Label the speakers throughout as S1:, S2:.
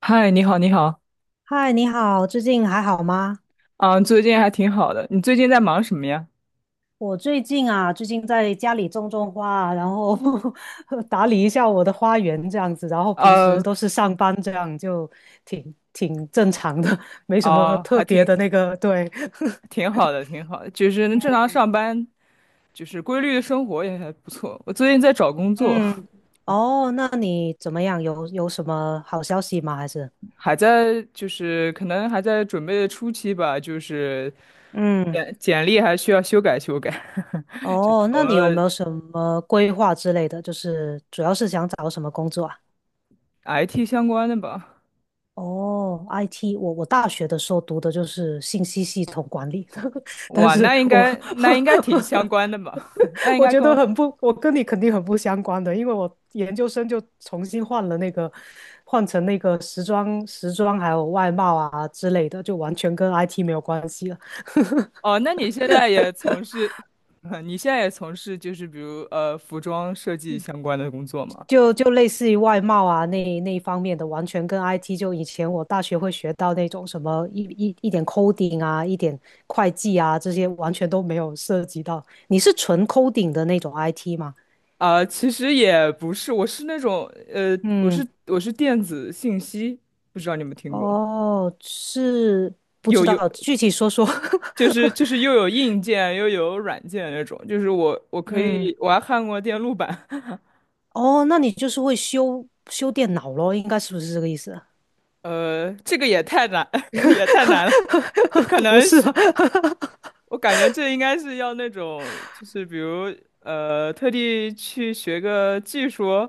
S1: 嗨，你好，你好。
S2: 嗨，你好，最近还好吗？
S1: 最近还挺好的。你最近在忙什么呀？
S2: 我最近在家里种种花啊然后 打理一下我的花园这样子，然后平时
S1: 呃，
S2: 都是上班这样，就挺正常的，没什么
S1: 哦，
S2: 特
S1: 还
S2: 别
S1: 挺
S2: 的那个，对，
S1: 挺好的，挺好的，就是能正常上班，就是规律的生活也还不错。我最近在找工 作，
S2: 嗯，哦，那你怎么样？有什么好消息吗？还是？
S1: 还在就是可能还在准备的初期吧，就是
S2: 嗯，
S1: 简历还需要修改修改，就
S2: 哦，
S1: 投
S2: 那你有
S1: 了
S2: 没有什么规划之类的？就是主要是想找什么工作啊？
S1: IT 相关的吧。
S2: 哦，IT，我大学的时候读的就是信息系统管理，但
S1: 哇，
S2: 是
S1: 那应
S2: 我
S1: 该那应该挺相关的吧？那 应
S2: 我
S1: 该
S2: 觉
S1: 跟
S2: 得
S1: 我
S2: 很不，我跟你肯定很不相关的，因为我研究生就重新换了那个，换成那个时装还有外贸啊之类的，就完全跟 IT 没有关系了。
S1: 哦，那你现在也从事，你现在也从事就是比如服装设计相关的工作吗？
S2: 就类似于外贸啊那一方面的，完全跟 IT 就以前我大学会学到那种什么一点 coding 啊，一点会计啊这些完全都没有涉及到。你是纯 coding 的那种 IT 吗？
S1: 啊，其实也不是，我是那种我是
S2: 嗯，
S1: 我是电子信息，不知道你有没有听过？
S2: 哦，是不知
S1: 有有，
S2: 道，具体说说。
S1: 就是又有硬件又有软件那种，就是我我可
S2: 嗯，
S1: 以我还焊过电路板。
S2: 哦，那你就是会修修电脑咯，应该是不是这个意思啊？
S1: 这个也太难， 也太难了。这可
S2: 不
S1: 能
S2: 是吧？
S1: 是 我感觉这应该是要那种，就是比如特地去学个技术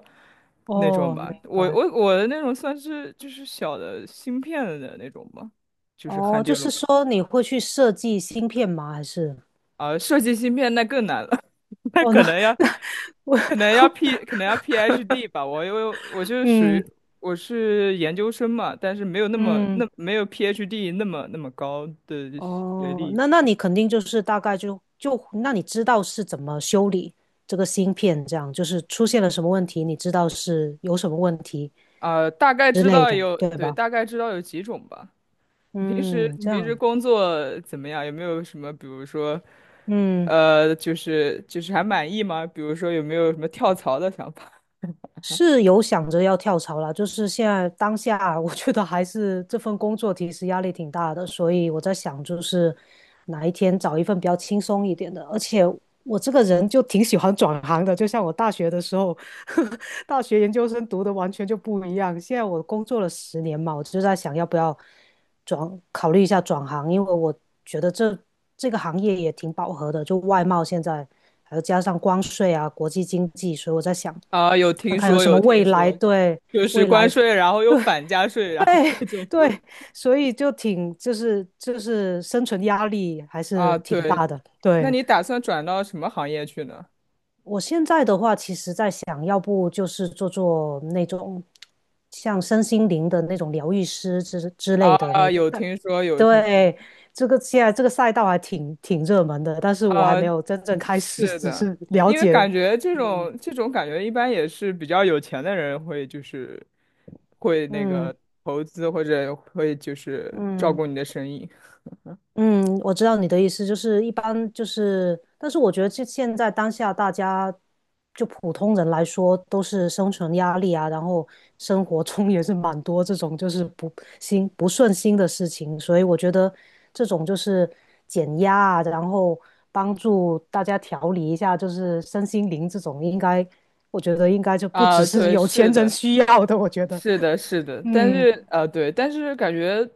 S1: 那种
S2: 哦，
S1: 吧。
S2: 明
S1: 我
S2: 白。
S1: 我我的那种算是就是小的芯片的那种吧，就是焊
S2: 哦，就
S1: 电路
S2: 是
S1: 板。
S2: 说你会去设计芯片吗？还是？
S1: 啊，设计芯片那更难了，那
S2: 哦，
S1: 可
S2: 那
S1: 能要
S2: 那我
S1: 可能要 P 可能要 PhD 吧。我因为我就是属于
S2: 嗯
S1: 我是研究生嘛，但是没有那么
S2: 嗯，
S1: 那没有 PhD 那么高的学
S2: 哦，
S1: 历。
S2: 那你肯定就是大概就那你知道是怎么修理这个芯片，这样就是出现了什么问题，你知道是有什么问题
S1: 啊，
S2: 之类的，对吧？
S1: 大概知道有几种吧。你平时
S2: 嗯，
S1: 你
S2: 这
S1: 平时
S2: 样，
S1: 工作怎么样？有没有什么，比如说，
S2: 嗯。
S1: 还满意吗？比如说有没有什么跳槽的想法？
S2: 是有想着要跳槽啦，就是现在当下啊，我觉得还是这份工作其实压力挺大的，所以我在想，就是哪一天找一份比较轻松一点的。而且我这个人就挺喜欢转行的，就像我大学的时候，大学研究生读的完全就不一样。现在我工作了十年嘛，我就在想要不要转，考虑一下转行，因为我觉得这个行业也挺饱和的，就外贸现在，还有加上关税啊，国际经济，所以我在想。
S1: 啊，有
S2: 看
S1: 听
S2: 看有
S1: 说
S2: 什么
S1: 有听
S2: 未来，
S1: 说，
S2: 对，
S1: 就是
S2: 未
S1: 关
S2: 来，
S1: 税，然后又反加税，然后各种。
S2: 对，所以就挺就是生存压力还是
S1: 啊，
S2: 挺大
S1: 对。
S2: 的。
S1: 那
S2: 对，
S1: 你打算转到什么行业去呢？
S2: 我现在的话，其实在想要不就是做做那种像身心灵的那种疗愈师之类的
S1: 啊，
S2: 那种，
S1: 有
S2: 但
S1: 听说有听说，
S2: 对，这个现在这个赛道还挺热门的，但是我还
S1: 啊，
S2: 没有真正开始，
S1: 是
S2: 只
S1: 的，
S2: 是了
S1: 因为
S2: 解。
S1: 感觉这种感觉一般也是比较有钱的人会就是会那
S2: 嗯
S1: 个投资，或者会就是照
S2: 嗯。
S1: 顾你的生意。
S2: 嗯，我知道你的意思，就是一般就是，但是我觉得这现在当下大家就普通人来说，都是生存压力啊，然后生活中也是蛮多这种就是不顺心的事情，所以我觉得这种就是减压啊，然后帮助大家调理一下，就是身心灵这种，应该我觉得应该就不只
S1: 啊，
S2: 是
S1: 对，
S2: 有钱人需要的，我觉得，
S1: 是的。
S2: 嗯
S1: 但是感觉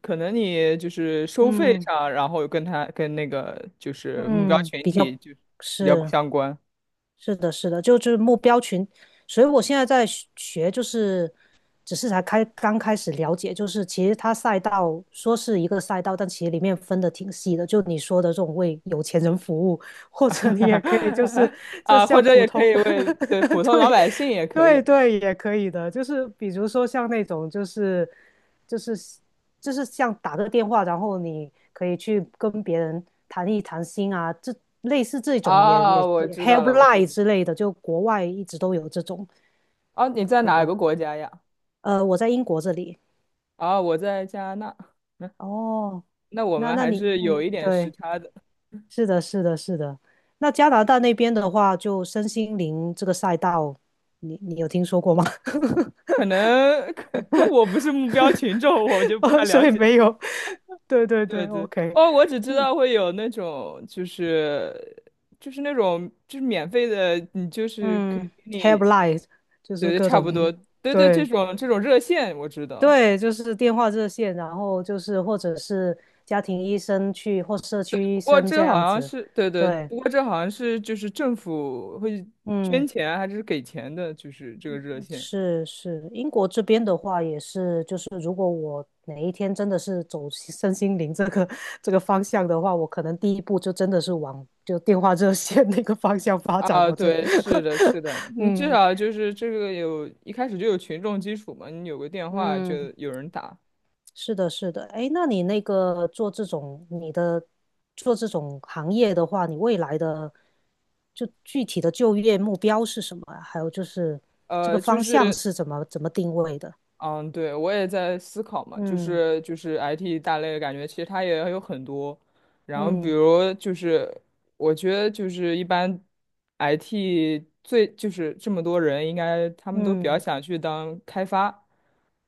S1: 可能你就是收费
S2: 嗯
S1: 上，然后跟那个就是目标
S2: 嗯，
S1: 群
S2: 比
S1: 体
S2: 较
S1: 就比较
S2: 是。
S1: 相关。
S2: 是的，是的，就是目标群，所以我现在在学，就是只是刚开始了解，就是其实它赛道说是一个赛道，但其实里面分的挺细的，就你说的这种为有钱人服务，或者你也可以就是就
S1: 啊，或
S2: 像
S1: 者
S2: 普
S1: 也可
S2: 通
S1: 以为普 通老
S2: 对
S1: 百姓也可
S2: 对
S1: 以。
S2: 对，也可以的，就是比如说像那种就是就是像打个电话，然后你可以去跟别人谈一谈心啊，这类似这种也
S1: 啊，
S2: 也也
S1: 我知
S2: helpline
S1: 道。
S2: 之类的，就国外一直都有这种
S1: 哦，你在
S2: 那
S1: 哪
S2: 个，
S1: 个国家呀？
S2: 我在英国这里，
S1: 啊，我在加拿大。嗯，
S2: 哦，
S1: 那我
S2: 那
S1: 们
S2: 那
S1: 还
S2: 你
S1: 是有
S2: 嗯，
S1: 一点时
S2: 对。
S1: 差的。
S2: 是的，是的，是的。那加拿大那边的话，就身心灵这个赛道，你有听说过吗？
S1: 可 能 可能我不是目标群众，我就不太
S2: 哦，
S1: 了
S2: 所以
S1: 解。
S2: 没有。对对
S1: 对
S2: 对
S1: 对，
S2: ，OK。
S1: 哦，我只知道会有那种，就是那种就是免费的，你就是可以
S2: 嗯
S1: 给
S2: h e v p
S1: 你。
S2: l i n e 就
S1: 对
S2: 是
S1: 对，
S2: 各
S1: 差不多。
S2: 种，
S1: 对对，这
S2: 对
S1: 种热线我知道。
S2: 对，就是电话热线，然后就是或者是家庭医生去或社区
S1: 不
S2: 医
S1: 过
S2: 生这
S1: 这好
S2: 样
S1: 像
S2: 子。
S1: 是对对，
S2: 对，
S1: 不过这好像是就是政府会捐
S2: 嗯。
S1: 钱还是给钱的，就是这个热线。
S2: 是是，英国这边的话也是，就是如果我哪一天真的是走身心灵这个 这个方向的话，我可能第一步就真的是往就电话热线那个方向发展，
S1: 啊，
S2: 我真的，
S1: 对，是的，是的，你至
S2: 嗯
S1: 少就是这个有一开始就有群众基础嘛，你有个电话就
S2: 嗯，
S1: 有人打。
S2: 是的，是的，哎，那你做这种行业的话，你未来的就具体的就业目标是什么啊？还有就是这
S1: 呃，
S2: 个
S1: 就
S2: 方向
S1: 是
S2: 是怎么定位的？
S1: 嗯，对，我也在思考嘛，就
S2: 嗯
S1: 是就是 IT 大类，感觉其实它也有很多，然后比
S2: 嗯。
S1: 如就是我觉得就是一般 IT 最就是这么多人，应该他们都比较
S2: 嗯
S1: 想去当开发，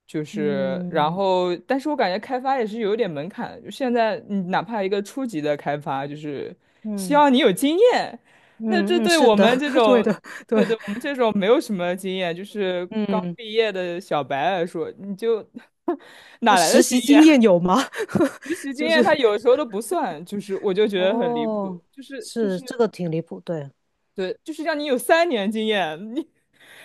S1: 就是然
S2: 嗯
S1: 后但是我感觉开发也是有一点门槛的，就现在你哪怕一个初级的开发，就是希
S2: 嗯
S1: 望你有经验。那这
S2: 嗯嗯，
S1: 对
S2: 是
S1: 我
S2: 的，
S1: 们这
S2: 对
S1: 种。
S2: 的，对，
S1: 对对，我们这种没有什么经验，就是刚
S2: 嗯，
S1: 毕业的小白来说，你就
S2: 那
S1: 哪来的
S2: 实
S1: 经
S2: 习经验有吗？
S1: 实习 经
S2: 就
S1: 验？
S2: 是
S1: 他有时候都不算，就是我就觉得很离
S2: 哦，
S1: 谱，
S2: 是这个挺离谱，对，
S1: 对，就是让你有三年经验，你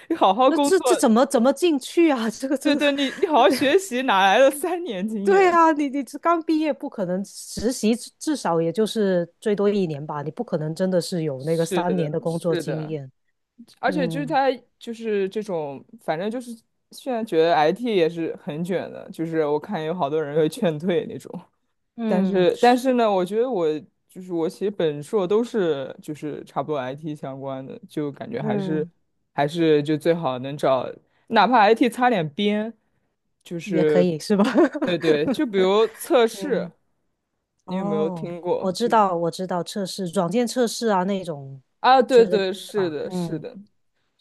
S1: 你好好
S2: 那
S1: 工
S2: 这
S1: 作，
S2: 这怎么进去啊？这个
S1: 对
S2: 真的，
S1: 对，你你好好 学习，哪来的三年经
S2: 对
S1: 验？
S2: 啊，你这刚毕业不可能实习至少也就是最多一年吧，你不可能真的是有那个
S1: 是
S2: 三
S1: 的，
S2: 年的工作
S1: 是
S2: 经
S1: 的。
S2: 验，
S1: 而且就是
S2: 嗯
S1: 他就是这种，反正就是现在觉得 IT 也是很卷的，就是我看有好多人会劝退那种。但
S2: 嗯
S1: 是但
S2: 是
S1: 是呢，我觉得我就是我写本硕都是就是差不多 IT 相关的，就感觉还是
S2: 嗯，
S1: 还是就最好能找，哪怕 IT 擦点边，就
S2: 也可
S1: 是
S2: 以是吧？
S1: 对对，就比如 测试，
S2: 嗯。
S1: 你有没有
S2: 哦，
S1: 听过？
S2: 我知道，我知道，测试软件测试啊那种
S1: 啊，
S2: 之
S1: 对
S2: 类的
S1: 对，
S2: 是
S1: 是
S2: 吧？
S1: 的，是
S2: 嗯，
S1: 的，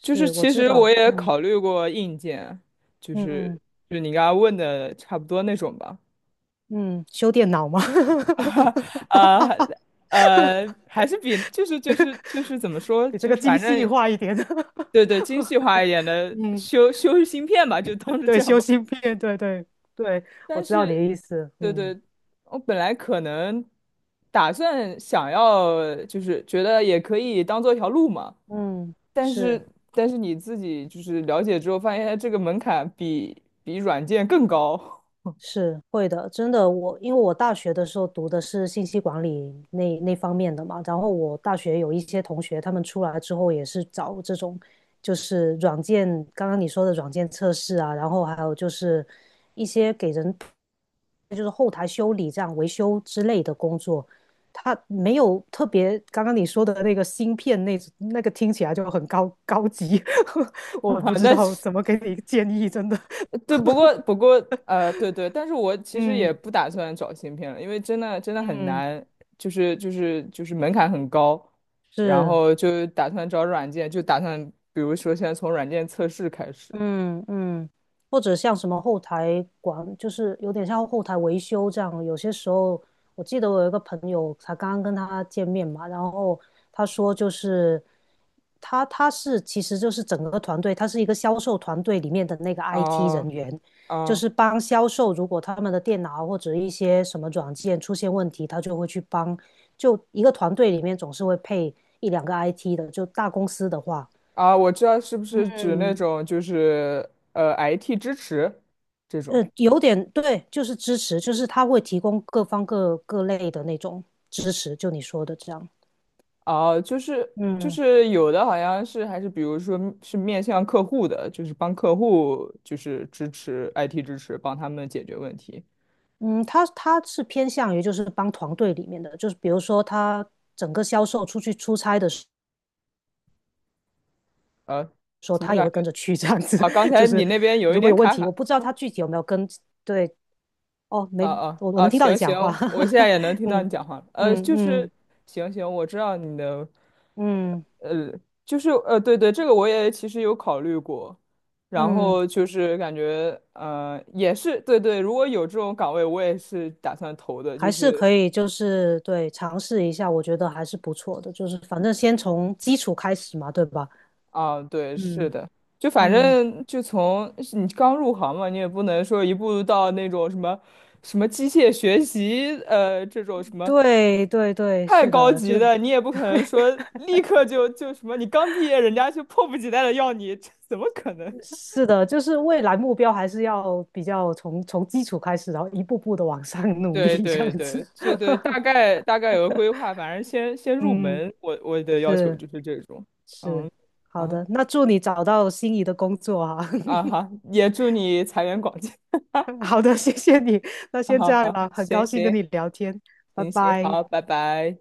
S1: 就是
S2: 我
S1: 其
S2: 知
S1: 实
S2: 道，
S1: 我也
S2: 嗯
S1: 考虑过硬件，就
S2: 嗯
S1: 是就你刚刚问的差不多那种吧。
S2: 嗯，修电脑吗？
S1: 呃还是比怎么说，
S2: 比这
S1: 就
S2: 个
S1: 是
S2: 精
S1: 反
S2: 细
S1: 正
S2: 化一点。
S1: 对对精细化一点的
S2: 嗯，
S1: 修芯片吧，就当是这
S2: 对，
S1: 样
S2: 修
S1: 吧。
S2: 芯片，对对对，我
S1: 但
S2: 知道你的
S1: 是，
S2: 意思。
S1: 对
S2: 嗯
S1: 对，我本来可能打算想要，就是觉得也可以当做一条路嘛。
S2: 嗯，
S1: 但
S2: 是。
S1: 是，但是你自己就是了解之后，发现这个门槛比软件更高。
S2: 是会的，真的，我因为我大学的时候读的是信息管理那方面的嘛，然后我大学有一些同学，他们出来之后也是找这种，就是软件，刚刚你说的软件测试啊，然后还有就是一些给人就是后台修理这样维修之类的工作，他没有特别刚刚你说的那个芯片那个听起来就很高级，我不 知
S1: 那
S2: 道怎么给你建议，真的，
S1: 对，不过对对，但是我 其实也
S2: 嗯
S1: 不打算找芯片了，因为真的真的很
S2: 嗯
S1: 难，就是门槛很高，然
S2: 是。
S1: 后就打算找软件，就打算比如说现在从软件测试开始。
S2: 嗯嗯，或者像什么后台管，就是有点像后台维修这样。有些时候，我记得我有一个朋友，才刚刚跟他见面嘛，然后他说就是他是其实就是整个团队，他是一个销售团队里面的那个 IT 人
S1: 啊
S2: 员，就
S1: 啊
S2: 是帮销售，如果他们的电脑或者一些什么软件出现问题，他就会去帮。就一个团队里面总是会配一两个 IT 的，就大公司的话。
S1: 我知道是不是指那种就是IT 支持这种。
S2: 有点对，就是支持，就是他会提供各方各各类的那种支持，就你说的这样。
S1: 啊，
S2: 嗯
S1: 有的好像是还是比如说是面向客户的，就是帮客户支持 IT 支持，帮他们解决问题。
S2: 嗯，他是偏向于就是帮团队里面的，就是比如说他整个销售出去出差的时
S1: 呃，
S2: 候，
S1: 什么
S2: 他也
S1: 感
S2: 会跟
S1: 觉？
S2: 着去这样子。
S1: 啊，刚
S2: 就
S1: 才
S2: 是
S1: 你那边有一
S2: 如果
S1: 点
S2: 有问题，我
S1: 卡。
S2: 不知道他具体有没有跟，对，哦，没，我能听到
S1: 行
S2: 你讲话，
S1: 行，我现在也能 听到
S2: 嗯
S1: 你讲话了。
S2: 嗯嗯
S1: 行行，我知道你的。
S2: 嗯嗯。
S1: 呃，对对，这个我也其实有考虑过，然
S2: 嗯
S1: 后就是感觉，也是对对，如果有这种岗位，我也是打算投的。
S2: 还是可以，就是对，尝试一下，我觉得还是不错的。就是反正先从基础开始嘛，对吧？
S1: 啊，对，是
S2: 嗯
S1: 的。就反
S2: 嗯，
S1: 正就你刚入行嘛，你也不能说一步到那种什么机械学习，这种什么。
S2: 对对对，
S1: 太
S2: 是
S1: 高
S2: 的，
S1: 级
S2: 就
S1: 的，你也不可能说立刻就什么，你刚毕业，人家就迫不及待的要你，这怎么可能？
S2: 是的，就是未来目标还是要比较从基础开始，然后一步步的往上 努
S1: 对
S2: 力，这样
S1: 对对，
S2: 子。
S1: 对 对，大概有个规划，反正先入
S2: 嗯，
S1: 门，我的要求
S2: 是
S1: 就是这种。嗯，
S2: 是，好
S1: 啊
S2: 的，那祝你找到心仪的工作啊。
S1: 啊哈，也祝你财源广进。
S2: 好的，谢谢你，那
S1: 啊
S2: 先这
S1: 哈
S2: 样
S1: 哈，
S2: 啦，很高
S1: 行
S2: 兴跟你
S1: 行
S2: 聊天，拜
S1: 行行，
S2: 拜。
S1: 好，拜拜。